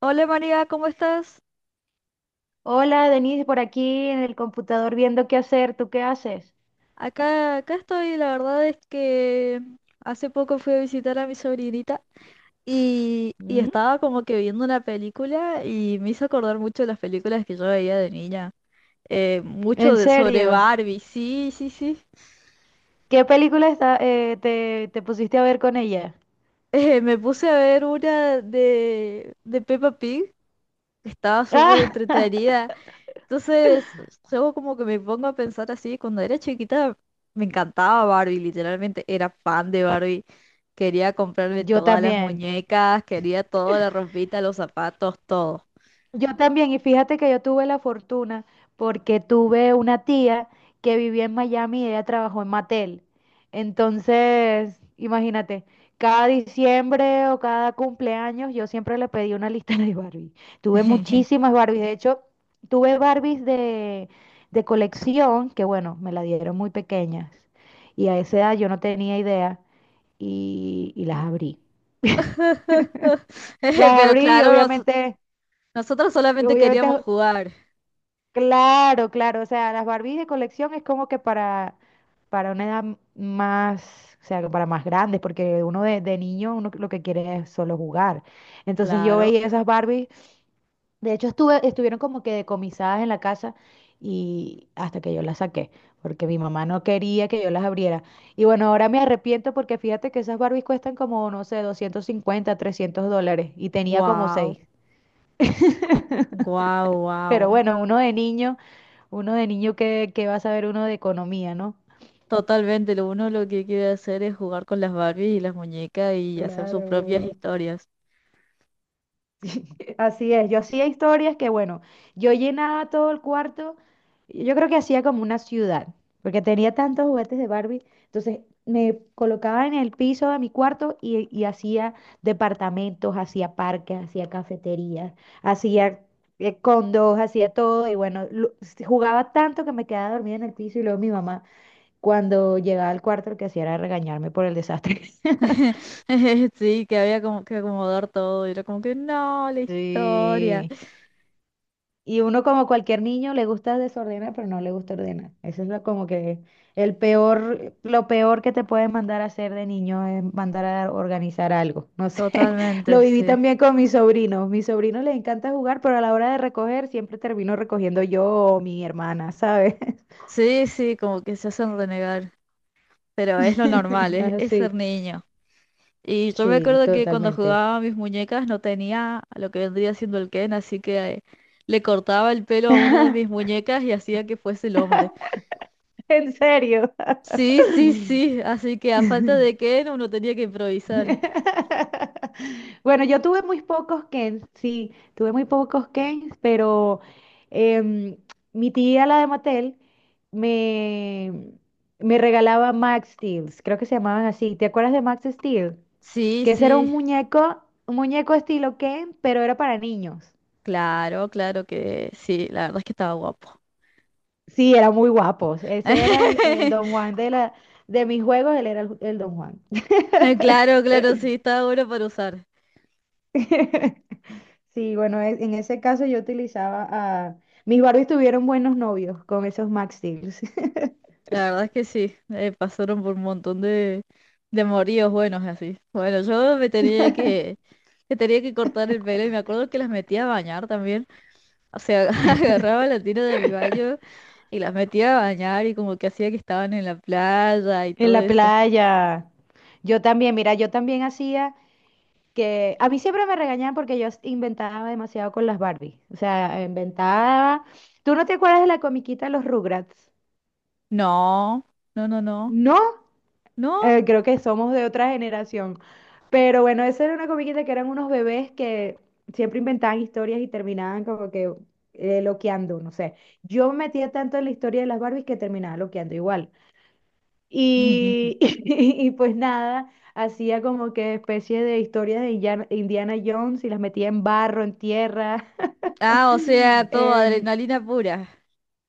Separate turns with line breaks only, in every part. Hola María, ¿cómo estás?
Hola, Denise, por aquí en el computador viendo qué hacer. ¿Tú qué haces?
Acá estoy, la verdad es que hace poco fui a visitar a mi sobrinita y
Mm.
estaba como que viendo una película y me hizo acordar mucho de las películas que yo veía de niña. Mucho
¿En
de, sobre
serio?
Barbie, sí, sí, sí.
¿Qué película te pusiste a ver con ella?
Me puse a ver una de Peppa Pig, que estaba súper
Ah,
entretenida. Entonces, luego como que me pongo a pensar así, cuando era chiquita me encantaba Barbie, literalmente era fan de Barbie. Quería comprarme
yo
todas las
también.
muñecas, quería toda la ropita, los zapatos, todo.
Yo también, y fíjate que yo tuve la fortuna porque tuve una tía que vivía en Miami y ella trabajó en Mattel. Entonces, imagínate, cada diciembre o cada cumpleaños yo siempre le pedí una lista de Barbie. Tuve muchísimas Barbies, de hecho, tuve Barbies de colección que, bueno, me la dieron muy pequeñas y a esa edad yo no tenía idea y las abrí. Las
Pero
abrí y
claro,
obviamente,
nosotros solamente queríamos
obviamente
jugar.
Claro, claro, o sea, las Barbies de colección es como que para una edad más, o sea, para más grandes, porque uno de niño uno lo que quiere es solo jugar. Entonces yo
Claro,
veía esas Barbies, de hecho estuvieron como que decomisadas en la casa y hasta que yo las saqué, porque mi mamá no quería que yo las abriera. Y bueno, ahora me arrepiento porque fíjate que esas Barbies cuestan como, no sé, 250, $300 y tenía como
wow,
seis.
wow,
Pero
wow.
bueno, uno de niño que va a saber uno de economía, ¿no?
Totalmente, lo uno lo que quiere hacer es jugar con las Barbies y las muñecas y hacer sus propias
Claro.
historias.
Así es, yo hacía historias que, bueno, yo llenaba todo el cuarto, yo creo que hacía como una ciudad, porque tenía tantos juguetes de Barbie, entonces me colocaba en el piso de mi cuarto y hacía departamentos, hacía parques, hacía cafeterías, hacía condos, hacía todo, y bueno, jugaba tanto que me quedaba dormida en el piso y luego mi mamá, cuando llegaba al cuarto, lo que hacía era regañarme por el desastre.
Sí, que había como que acomodar todo. Y era como que no, la historia.
Sí. Y uno como cualquier niño le gusta desordenar, pero no le gusta ordenar. Eso es lo, como que el peor, lo peor que te pueden mandar a hacer de niño es mandar a organizar algo. No sé,
Totalmente,
lo viví
sí.
también con mis sobrinos. Mis sobrinos les encanta jugar, pero a la hora de recoger siempre termino recogiendo yo o mi hermana, ¿sabes?
Sí, sí, como que se hacen renegar. Pero es lo normal, es ser
Así,
niño. Y yo me
sí,
acuerdo que cuando
totalmente.
jugaba a mis muñecas no tenía lo que vendría siendo el Ken, así que le cortaba el pelo a una de mis muñecas y hacía que fuese el hombre.
En serio.
Sí, sí, sí. Así que a falta de Ken uno tenía que improvisar.
Bueno, yo tuve muy pocos Kens, sí, tuve muy pocos Kens, pero em, mi tía, la de Mattel, me, me regalaba Max Steel, creo que se llamaban así. ¿Te acuerdas de Max Steel?
Sí,
Que ese era un
sí.
muñeco, un muñeco estilo Ken, pero era para niños.
Claro, claro que sí. La verdad es que estaba guapo.
Sí, eran muy guapos. Ese era el Don Juan de mis juegos, él era el Don Juan.
Claro, claro, sí, está bueno para usar.
Sí, bueno, en ese caso yo utilizaba a. Mis Barbies tuvieron buenos novios con esos Max Steels
La verdad es que sí, pasaron por un montón de moríos buenos así. Bueno, yo me tenía que cortar el pelo y me acuerdo que las metía a bañar también. O sea, agarraba la tira de mi baño y las metía a bañar y como que hacía que estaban en la playa y
en
todo
la
eso.
playa. Yo también, mira, yo también hacía que. A mí siempre me regañaban porque yo inventaba demasiado con las Barbies. O sea, inventaba. ¿Tú no te acuerdas de la comiquita de los Rugrats?
No, no, no, no,
No.
no.
Creo que somos de otra generación. Pero bueno, esa era una comiquita que eran unos bebés que siempre inventaban historias y terminaban como que loqueando, no sé. Yo me metía tanto en la historia de las Barbies que terminaba loqueando igual. Y, y, pues nada, hacía como que especie de historias de Indiana Jones y las metía en barro, en tierra.
Ah, o sea, todo
Em,
adrenalina pura.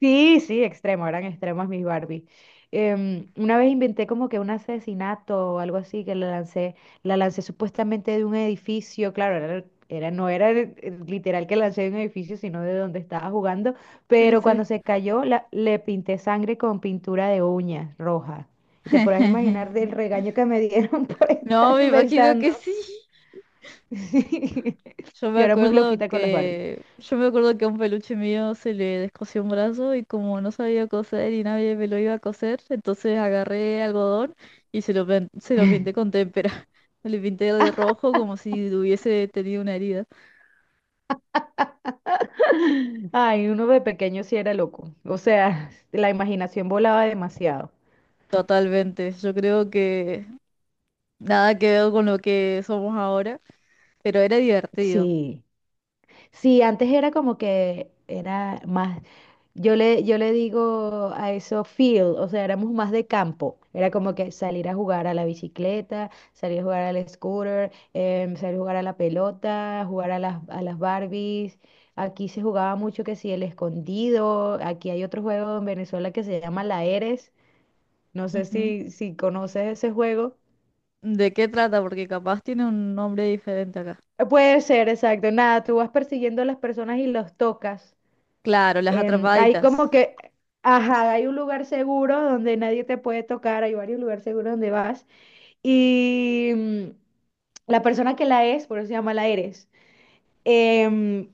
Sí, sí, extremo, eran extremos mis Barbie. Una vez inventé como que un asesinato o algo así, que la lancé, supuestamente de un edificio, claro, no era literal que lancé de un edificio, sino de donde estaba jugando,
Sí,
pero
sí.
cuando se cayó le pinté sangre con pintura de uñas roja. Y te podrás imaginar del regaño que me dieron por
No,
estar
me imagino
inventando.
que sí.
Sí. Yo era muy loquita con las Barbie.
Yo me acuerdo que a un peluche mío se le descosió un brazo y como no sabía coser y nadie me lo iba a coser, entonces agarré algodón y se se lo pinté con témpera. Le pinté de rojo como si hubiese tenido una herida.
Ay, uno de pequeño sí era loco. O sea, la imaginación volaba demasiado.
Totalmente. Yo creo que nada que ver con lo que somos ahora, pero era divertido.
Sí, sí, antes era como que era más, yo le digo a eso field, o sea, éramos más de campo, era como que salir a jugar a la bicicleta, salir a jugar al scooter, salir a jugar a la pelota, jugar a las Barbies, aquí se jugaba mucho que si el escondido, aquí hay otro juego en Venezuela que se llama la Eres, no sé
Ujú.
si conoces ese juego.
¿De qué trata? Porque capaz tiene un nombre diferente acá.
Puede ser, exacto. Nada, tú vas persiguiendo a las personas y los tocas.
Claro, las
Hay como
atrapaditas.
que, ajá, hay un lugar seguro donde nadie te puede tocar, hay varios lugares seguros donde vas. Y la persona que la es, por eso se llama la eres, em,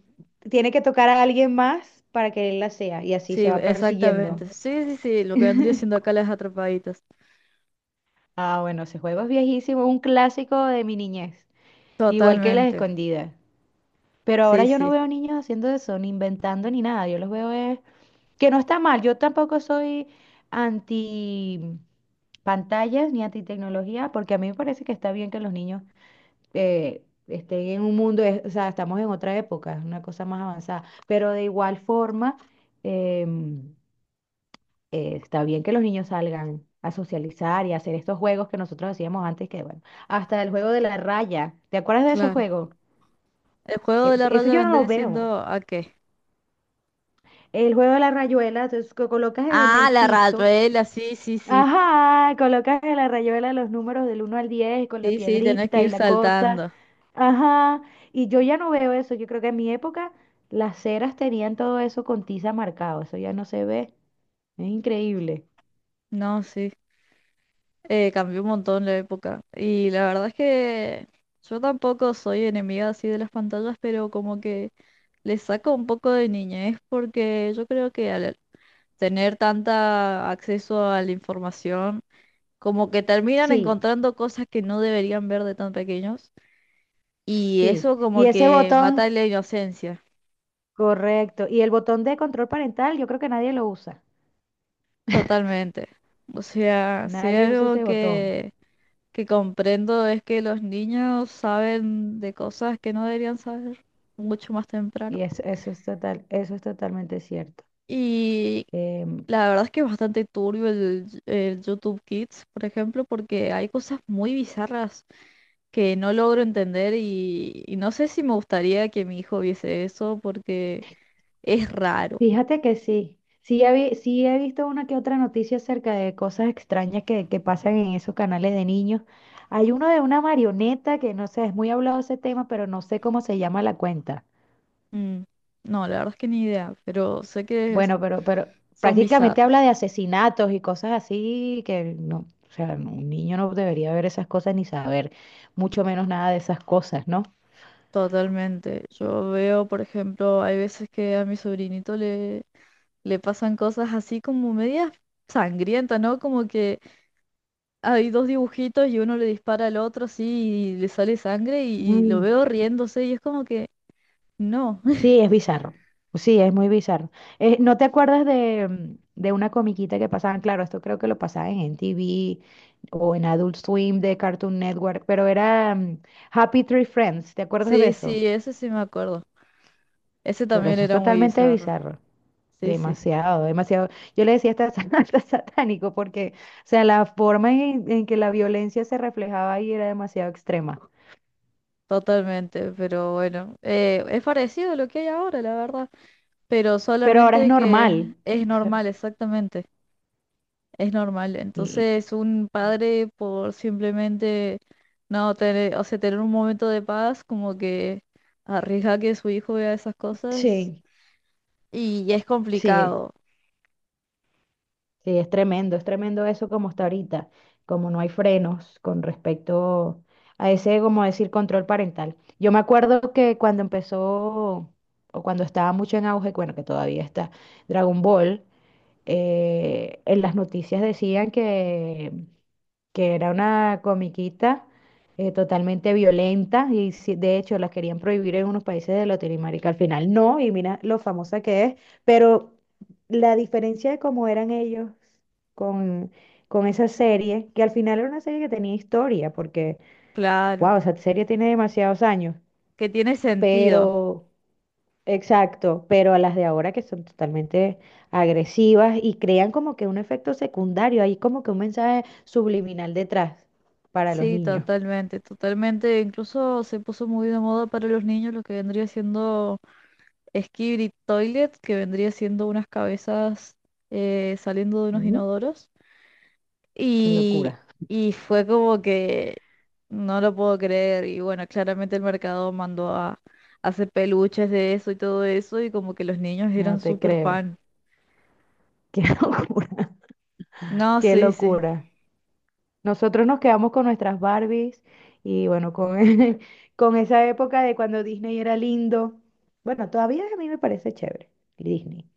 tiene que tocar a alguien más para que él la sea y así
Sí,
se van persiguiendo.
exactamente. Sí, sí, sí, lo que vendría siendo acá las atrapaditas.
Ah, bueno, ese juego es viejísimo, un clásico de mi niñez, igual que las
Totalmente.
escondidas. Pero ahora
Sí,
yo no
sí,
veo niños haciendo eso, ni inventando ni nada, yo los veo. Que no está mal, yo tampoco soy anti pantallas ni anti tecnología, porque a mí me parece que está bien que los niños estén en un mundo, o sea, estamos en otra época, es una cosa más avanzada, pero de igual forma em, está bien que los niños salgan a socializar y a hacer estos juegos que nosotros hacíamos antes, que bueno, hasta el juego de la raya, ¿te acuerdas de ese
claro.
juego?
El juego de la
Eso
raya
yo no lo
vendría
veo.
siendo ¿a qué?
El juego de la rayuela, entonces, que colocas en
Ah,
el
la
piso.
rayuela, sí, sí, sí.
Ajá, colocas en la rayuela los números del uno al 10 con la
Sí, sí, tenés que
piedrita y
ir
la cosa.
saltando.
Ajá, y yo ya no veo eso. Yo creo que en mi época las ceras tenían todo eso con tiza marcado. Eso ya no se ve. Es increíble.
No, sí. Cambió un montón la época. Y la verdad es que yo tampoco soy enemiga así de las pantallas, pero como que le saco un poco de niñez porque yo creo que al tener tanta acceso a la información como que terminan
Sí,
encontrando cosas que no deberían ver de tan pequeños y
sí.
eso
Y
como
ese
que mata
botón,
la inocencia,
correcto. Y el botón de control parental, yo creo que nadie lo usa.
totalmente. O sea, si
Nadie
hay
usa
algo
ese botón.
que comprendo es que los niños saben de cosas que no deberían saber mucho más
Y
temprano.
eso es totalmente cierto.
Y
Em,
la verdad es que es bastante turbio el YouTube Kids, por ejemplo, porque hay cosas muy bizarras que no logro entender y no sé si me gustaría que mi hijo viese eso porque... Es raro.
Fíjate que sí, sí he visto una que otra noticia acerca de cosas extrañas que pasan en esos canales de niños. Hay uno de una marioneta que no sé, es muy hablado ese tema, pero no sé cómo se llama la cuenta.
Mm. No, la verdad es que ni idea, pero sé que
Bueno, pero
son
prácticamente habla
bizarros.
de asesinatos y cosas así que no, o sea, no, un niño no debería ver esas cosas ni saber mucho menos nada de esas cosas, ¿no?
Totalmente. Yo veo, por ejemplo, hay veces que a mi le pasan cosas así como medias sangrientas, ¿no? Como que hay dos dibujitos y uno le dispara al otro así y le sale sangre y lo
Mm.
veo riéndose y es como que no.
Sí, es bizarro. Sí, es muy bizarro. ¿No te acuerdas de una comiquita que pasaban? Claro, esto creo que lo pasaban en TV o en Adult Swim de Cartoon Network, pero era Happy Tree Friends. ¿Te acuerdas de
Sí,
eso?
sí, ese sí me acuerdo. Ese
Pero
también
eso es
era muy
totalmente
bizarro.
bizarro.
Sí, sí,
Demasiado, demasiado. Yo le decía hasta satánico porque, o sea, la forma en que la violencia se reflejaba ahí era demasiado extrema.
totalmente. Pero bueno, es parecido a lo que hay ahora, la verdad. Pero
Pero ahora es
solamente que
normal.
es normal, exactamente, es normal.
Y,
Entonces, un padre por simplemente no tener, o sea, tener un momento de paz, como que arriesga que su hijo vea esas cosas
sí,
y es
sí.
complicado,
Sí, es tremendo eso como está ahorita, como no hay frenos con respecto a ese, como decir, control parental. Yo me acuerdo que cuando empezó, o cuando estaba mucho en auge, bueno, que todavía está Dragon Ball, en las noticias decían que, era una comiquita totalmente violenta y de hecho la querían prohibir en unos países de Latinoamérica. Al final no, y mira lo famosa que es, pero la diferencia de cómo eran ellos con, con esa serie, que al final era una serie que tenía historia, porque,
claro,
wow, esa serie tiene demasiados años,
que tiene sentido.
pero. Exacto, pero a las de ahora que son totalmente agresivas y crean como que un efecto secundario, hay como que un mensaje subliminal detrás para los
Sí,
niños.
totalmente, totalmente. Incluso se puso muy de moda para los niños lo que vendría siendo Skibidi Toilet, que vendría siendo unas cabezas saliendo de unos
Mm,
inodoros.
Qué
Y,
locura.
y fue como que no lo puedo creer. Y bueno, claramente el mercado mandó a hacer peluches de eso y todo eso. Y como que los niños eran
No te
súper
creo.
fan.
Qué locura.
No,
Qué
sí, sí.
locura. Nosotros nos quedamos con nuestras Barbies y bueno, con, con esa época de cuando Disney era lindo. Bueno, todavía a mí me parece chévere, Disney.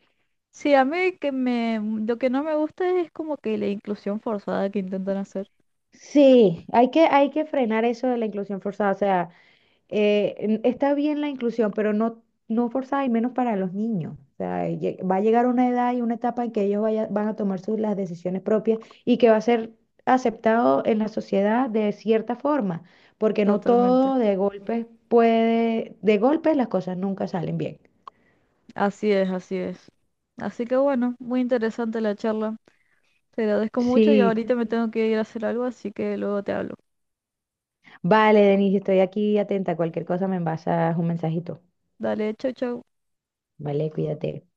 Sí, a mí lo que no me gusta es como que la inclusión forzada que intentan hacer.
Sí, hay que frenar eso de la inclusión forzada. O sea, está bien la inclusión, pero no, no forzada y menos para los niños. O sea, va a llegar una edad y una etapa en que ellos van a tomar las decisiones propias y que va a ser aceptado en la sociedad de cierta forma, porque no
Totalmente.
todo de golpes las cosas nunca salen bien.
Así es, así es. Así que bueno, muy interesante la charla. Te agradezco mucho y
Sí,
ahorita me tengo que ir a hacer algo, así que luego te hablo.
vale, Denise, estoy aquí atenta. Cualquier cosa me envasas un mensajito.
Dale, chau, chau.
Vale, cuídate.